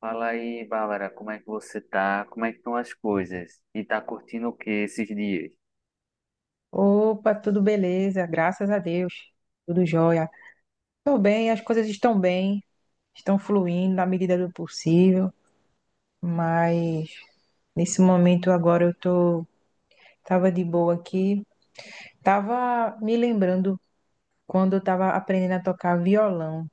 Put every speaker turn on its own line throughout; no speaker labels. Fala aí, Bárbara, como é que você tá? Como é que estão as coisas? E tá curtindo o que esses dias?
Opa, tudo beleza, graças a Deus, tudo jóia. Tô bem, as coisas estão bem, estão fluindo na medida do possível, mas nesse momento agora tava de boa aqui, tava me lembrando quando eu tava aprendendo a tocar violão.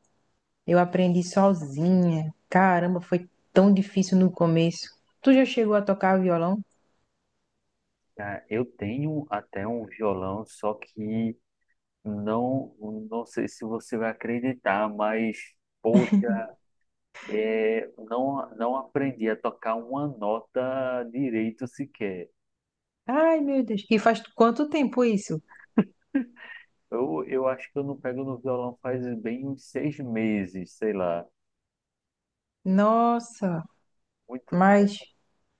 Eu aprendi sozinha, caramba, foi tão difícil no começo. Tu já chegou a tocar violão?
Cara, eu tenho até um violão, só que não, não sei se você vai acreditar, mas poxa, é, não, não aprendi a tocar uma nota direito sequer.
Ai, meu Deus, e faz quanto tempo isso?
Eu acho que eu não pego no violão faz bem uns 6 meses, sei lá.
Nossa,
Muito
mas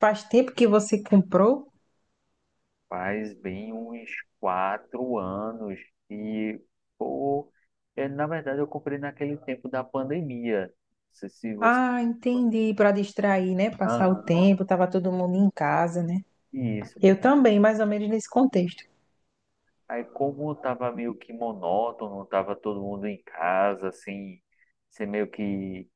faz tempo que você comprou?
Faz bem uns 4 anos e, pô, é, na verdade eu comprei naquele tempo da pandemia. Não sei se você...
Ah, entendi. Para distrair, né? Passar o
Aham,
tempo, tava todo mundo em casa, né?
isso.
Eu também, mais ou menos nesse contexto.
Aí como tava meio que monótono, tava todo mundo em casa, assim, sem meio que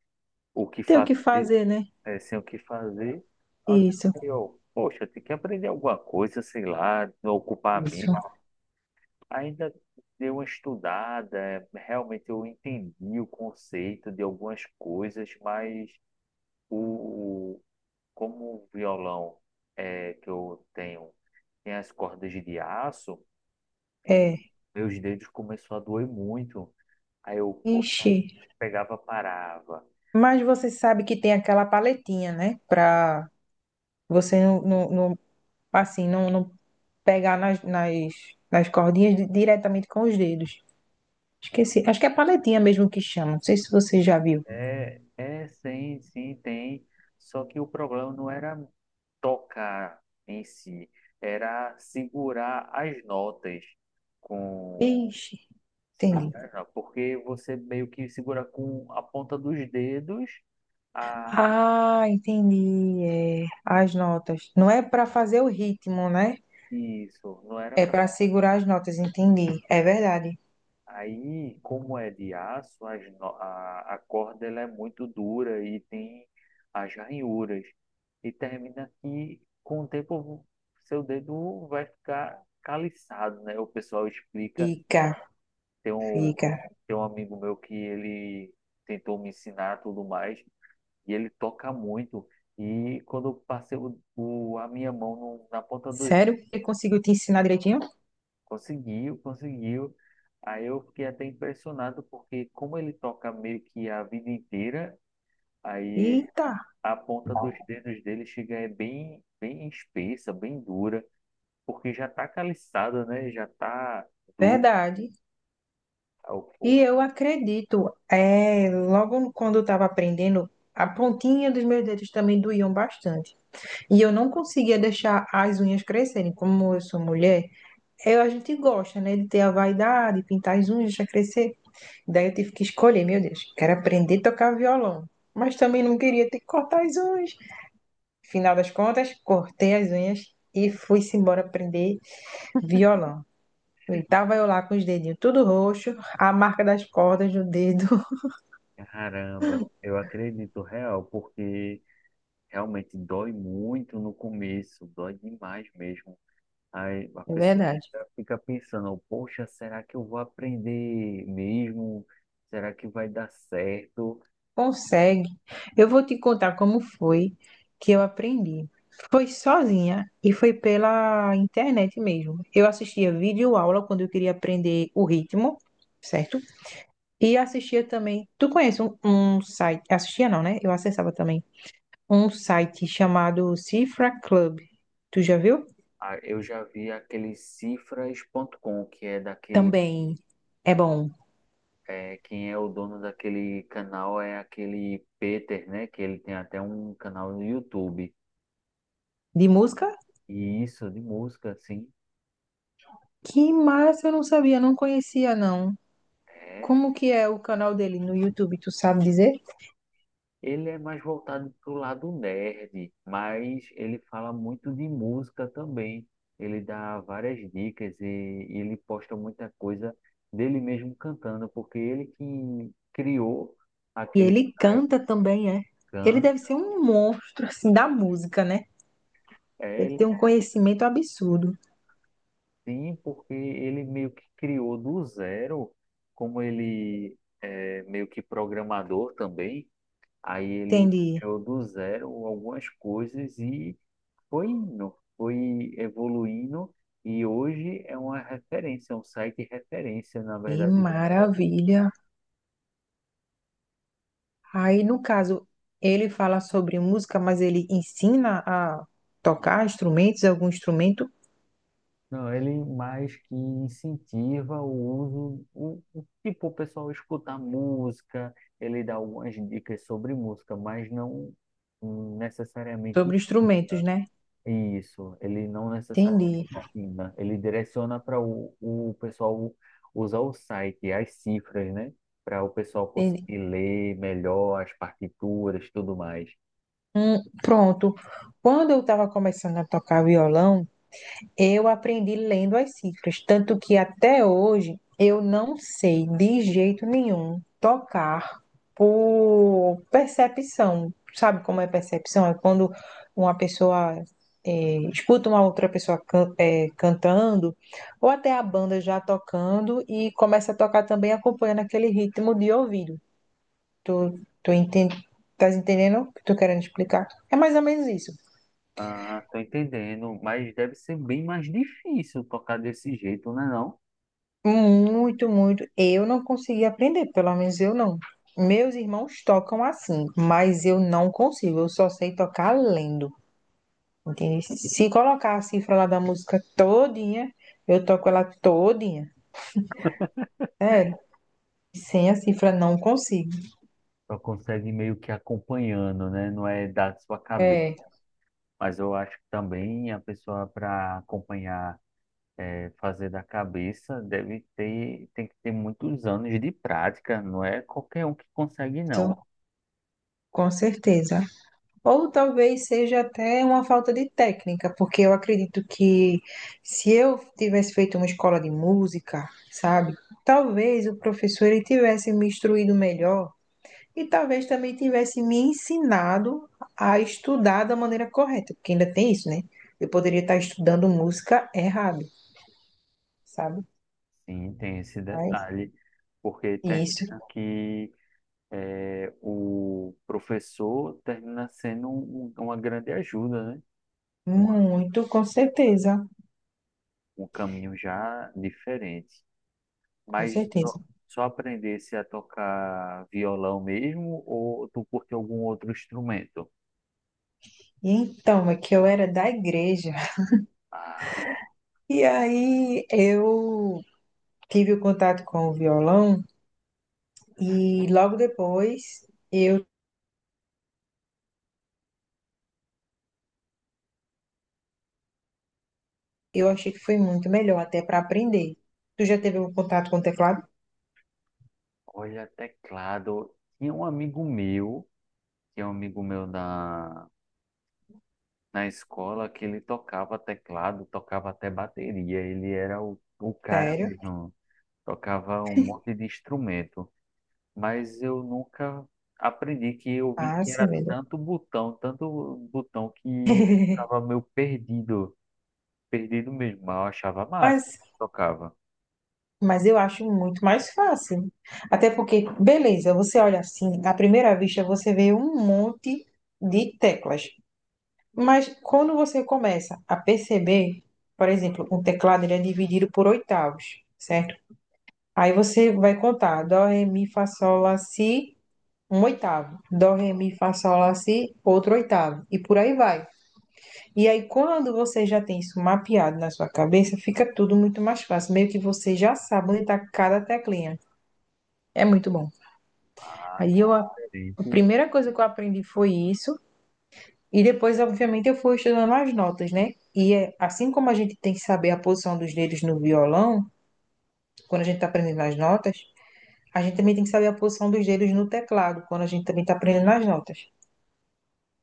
o que
Tem o que
fazer,
fazer, né?
é, sem o que fazer,
Isso,
aí eu, poxa, tem que aprender alguma coisa, sei lá, ocupar a mente.
isso.
Ainda dei uma estudada, realmente eu entendi o conceito de algumas coisas, mas o, o- como o violão é, que eu tenho tem as cordas de aço,
É.
meus dedos começou a doer muito. Aí eu, poxa,
Ixi.
pegava, parava.
Mas você sabe que tem aquela paletinha, né? Para você assim, não pegar nas cordinhas diretamente com os dedos. Esqueci. Acho que é paletinha mesmo que chama. Não sei se você já viu.
É, é, sim, sim, tem. Só que o problema não era tocar em si, era segurar as notas com...
Ixi, entendi.
Segura não, porque você meio que segura com a ponta dos dedos. Ah,
Ah, entendi. É, as notas. Não é para fazer o ritmo, né?
isso, não era
É
pra...
para segurar as notas, entendi. É verdade.
Aí, como é de aço, as no- a corda ela é muito dura e tem as ranhuras. E termina que, com o tempo, seu dedo vai ficar caliçado, né? O pessoal explica.
Fica,
Tem um,
fica.
tem um amigo meu que ele tentou me ensinar tudo mais, e ele toca muito. E quando eu passei a minha mão na ponta dos...
Sério que ele conseguiu te ensinar direitinho?
Conseguiu, conseguiu. Aí eu fiquei até impressionado, porque como ele toca meio que a vida inteira, aí
Eita,
a ponta dos dedos dele chega é bem, bem espessa, bem dura, porque já tá caliçada, né? Já tá dura.
verdade.
Aí eu, "Pô."
E eu acredito, é, logo quando eu estava aprendendo, a pontinha dos meus dedos também doíam bastante. E eu não conseguia deixar as unhas crescerem. Como eu sou mulher, a gente gosta, né, de ter a vaidade, pintar as unhas, deixar crescer. Daí eu tive que escolher, meu Deus, quero aprender a tocar violão, mas também não queria ter que cortar as unhas. Final das contas, cortei as unhas e fui-se embora aprender violão. E tava eu lá com os dedinhos tudo roxo, a marca das cordas no dedo.
Caramba, eu acredito real, porque realmente dói muito no começo, dói demais mesmo. Aí a
É
pessoa
verdade.
fica pensando, poxa, será que eu vou aprender mesmo? Será que vai dar certo?
Consegue. Eu vou te contar como foi que eu aprendi. Foi sozinha e foi pela internet mesmo. Eu assistia vídeo aula quando eu queria aprender o ritmo, certo? E assistia também. Tu conhece um site? Assistia não, né? Eu acessava também. Um site chamado Cifra Club. Tu já viu?
Ah, eu já vi aquele cifras.com, que é daquele,
Também é bom.
é, quem é o dono daquele canal é aquele Peter, né? Que ele tem até um canal no YouTube.
De música?
E isso de música, assim,
Que massa, eu não sabia, não conhecia, não.
é
Como que é o canal dele no YouTube, tu sabe dizer?
ele é mais voltado para o lado nerd, mas ele fala muito de música também. Ele dá várias dicas e ele posta muita coisa dele mesmo cantando, porque ele que criou
E
aquele
ele canta também, é. Ele
Taikan,
deve ser um monstro, assim, da música, né?
é
Deve ter
ele
um conhecimento absurdo.
sim, porque ele meio que criou do zero, como ele é meio que programador também, aí ele
Entendi.
criou do zero algumas coisas e foi indo, foi evoluindo e hoje é uma referência, é um site referência, na
Que
verdade. Do
maravilha. Aí, no caso, ele fala sobre música, mas ele ensina a tocar instrumentos, algum instrumento,
Não, ele mais que incentiva o uso, tipo, o pessoal escutar música, ele dá algumas dicas sobre música, mas não necessariamente
sobre instrumentos,
ensina.
né?
Isso, ele não necessariamente
Entendi,
ensina, ele direciona para o pessoal usar o site, as cifras, né? Para o pessoal
entendi.
conseguir ler melhor as partituras, tudo mais.
Pronto. Quando eu estava começando a tocar violão, eu aprendi lendo as cifras, tanto que até hoje eu não sei de jeito nenhum tocar por percepção. Sabe como é percepção? É quando uma pessoa escuta uma outra pessoa cantando, ou até a banda já tocando e começa a tocar também acompanhando aquele ritmo de ouvido. Tu, tu entende? Estás entendendo o que eu tô querendo explicar? É mais ou menos isso.
Ah, tô entendendo, mas deve ser bem mais difícil tocar desse jeito, né não?
Muito, muito. Eu não consegui aprender, pelo menos eu não. Meus irmãos tocam assim, mas eu não consigo. Eu só sei tocar lendo, entende? Se colocar a cifra lá da música todinha, eu toco ela todinha. É, sem a cifra não consigo.
Só consegue meio que acompanhando, né? Não é da sua cabeça.
É,
Mas eu acho que também a pessoa para acompanhar, fazer da cabeça deve ter, tem que ter muitos anos de prática, não é qualquer um que consegue, não.
isso, com certeza. Ou talvez seja até uma falta de técnica, porque eu acredito que se eu tivesse feito uma escola de música, sabe? Talvez o professor ele tivesse me instruído melhor e talvez também tivesse me ensinado a estudar da maneira correta, porque ainda tem isso, né? Eu poderia estar estudando música errado, sabe?
Sim, tem esse
Mas
detalhe, porque termina
isso,
que, o professor termina sendo uma grande ajuda, né? Um,
muito, com certeza,
um caminho já diferente.
com
Mas
certeza.
só, só aprendesse a tocar violão mesmo, ou tu curte algum outro instrumento?
E então, é que eu era da igreja.
Ah,
E aí eu tive o contato com o violão e logo depois eu, eu achei que foi muito melhor até para aprender. Tu já teve um contato com o teclado?
olha, teclado. Tinha um amigo meu na escola que ele tocava teclado, tocava até bateria. Ele era o cara
Sério?
mesmo. Tocava um monte de instrumento. Mas eu nunca aprendi, que eu vi
Ah,
que
sim,
era
beleza.
tanto botão que eu ficava meio perdido. Perdido mesmo. Mas eu achava massa.
Mas,
Tocava.
mas eu acho muito mais fácil. Até porque, beleza, você olha assim, à primeira vista você vê um monte de teclas. Mas quando você começa a perceber, por exemplo, um teclado ele é dividido por oitavos, certo? Aí você vai contar dó, ré, mi, fá, sol, lá, si, um oitavo. Dó, ré, mi, fá, sol, lá, si, outro oitavo. E por aí vai. E aí, quando você já tem isso mapeado na sua cabeça, fica tudo muito mais fácil. Meio que você já sabe onde está cada teclinha. É muito bom.
Ah,
Aí, a
diferente.
primeira coisa que eu aprendi foi isso. E depois, obviamente, eu fui estudando as notas, né? E assim como a gente tem que saber a posição dos dedos no violão, quando a gente está aprendendo as notas, a gente também tem que saber a posição dos dedos no teclado, quando a gente também está aprendendo as notas.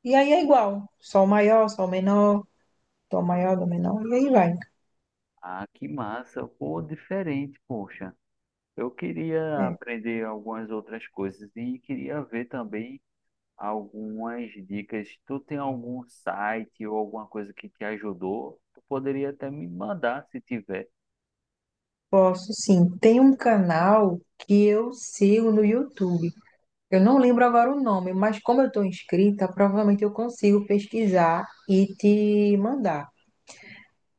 E aí é igual, sol maior, sol menor, dó maior, dó menor, e aí vai.
Ah, que massa. Pô, diferente, poxa. Eu queria
É,
aprender algumas outras coisas e queria ver também algumas dicas. Tu tem algum site ou alguma coisa que te ajudou? Tu poderia até me mandar se tiver.
posso sim. Tem um canal que eu sigo no YouTube. Eu não lembro agora o nome, mas como eu estou inscrita, provavelmente eu consigo pesquisar e te mandar.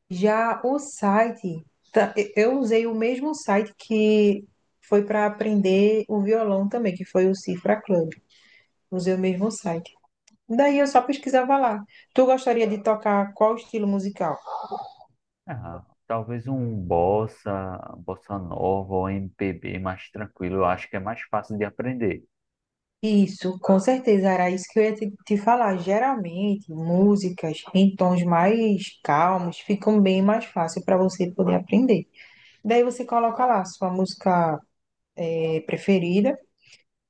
Já o site, eu usei o mesmo site que foi para aprender o violão também, que foi o Cifra Club. Usei o mesmo site. Daí eu só pesquisava lá. Tu gostaria de tocar qual estilo musical?
Ah, talvez um bossa nova ou MPB mais tranquilo. Eu acho que é mais fácil de aprender.
Isso, com certeza, era isso que eu ia te falar. Geralmente, músicas em tons mais calmos ficam bem mais fácil para você poder aprender. Daí você coloca lá a sua música preferida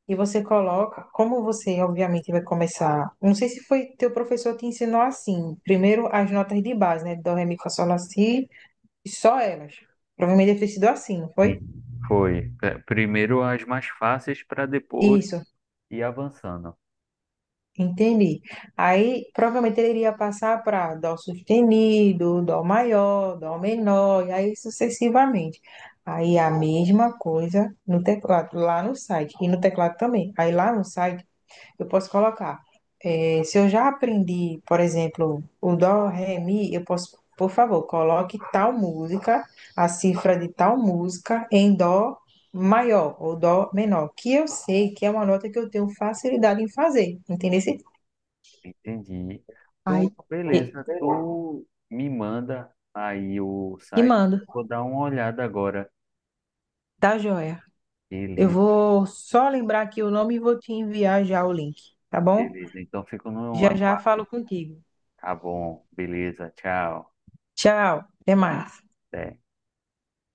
e você coloca, como você obviamente vai começar, não sei se foi teu professor te ensinou assim, primeiro as notas de base, né? Dó, ré, mi, fá, sol, lá, si, e só elas. Provavelmente deve ter sido assim, não foi?
E foi. Primeiro as mais fáceis para depois
Isso.
ir avançando.
Entendi. Aí provavelmente ele iria passar para dó sustenido, dó maior, dó menor, e aí sucessivamente. Aí a mesma coisa no teclado, lá no site, e no teclado também. Aí lá no site eu posso colocar, se eu já aprendi, por exemplo, o dó, ré, mi, eu posso, por favor, coloque tal música, a cifra de tal música em dó maior ou dó menor, que eu sei que é uma nota que eu tenho facilidade em fazer, entendeu?
Entendi.
Ai,
Pronto,
e,
beleza. Tu me manda aí o
te
site.
mando,
Eu vou dar uma olhada agora.
tá joia? Eu
Beleza,
vou só lembrar aqui o nome e vou te enviar já o link, tá bom?
beleza. Então fico no
Já já falo
aguardo.
contigo.
Tá bom, beleza, tchau.
Tchau, até mais.
Até.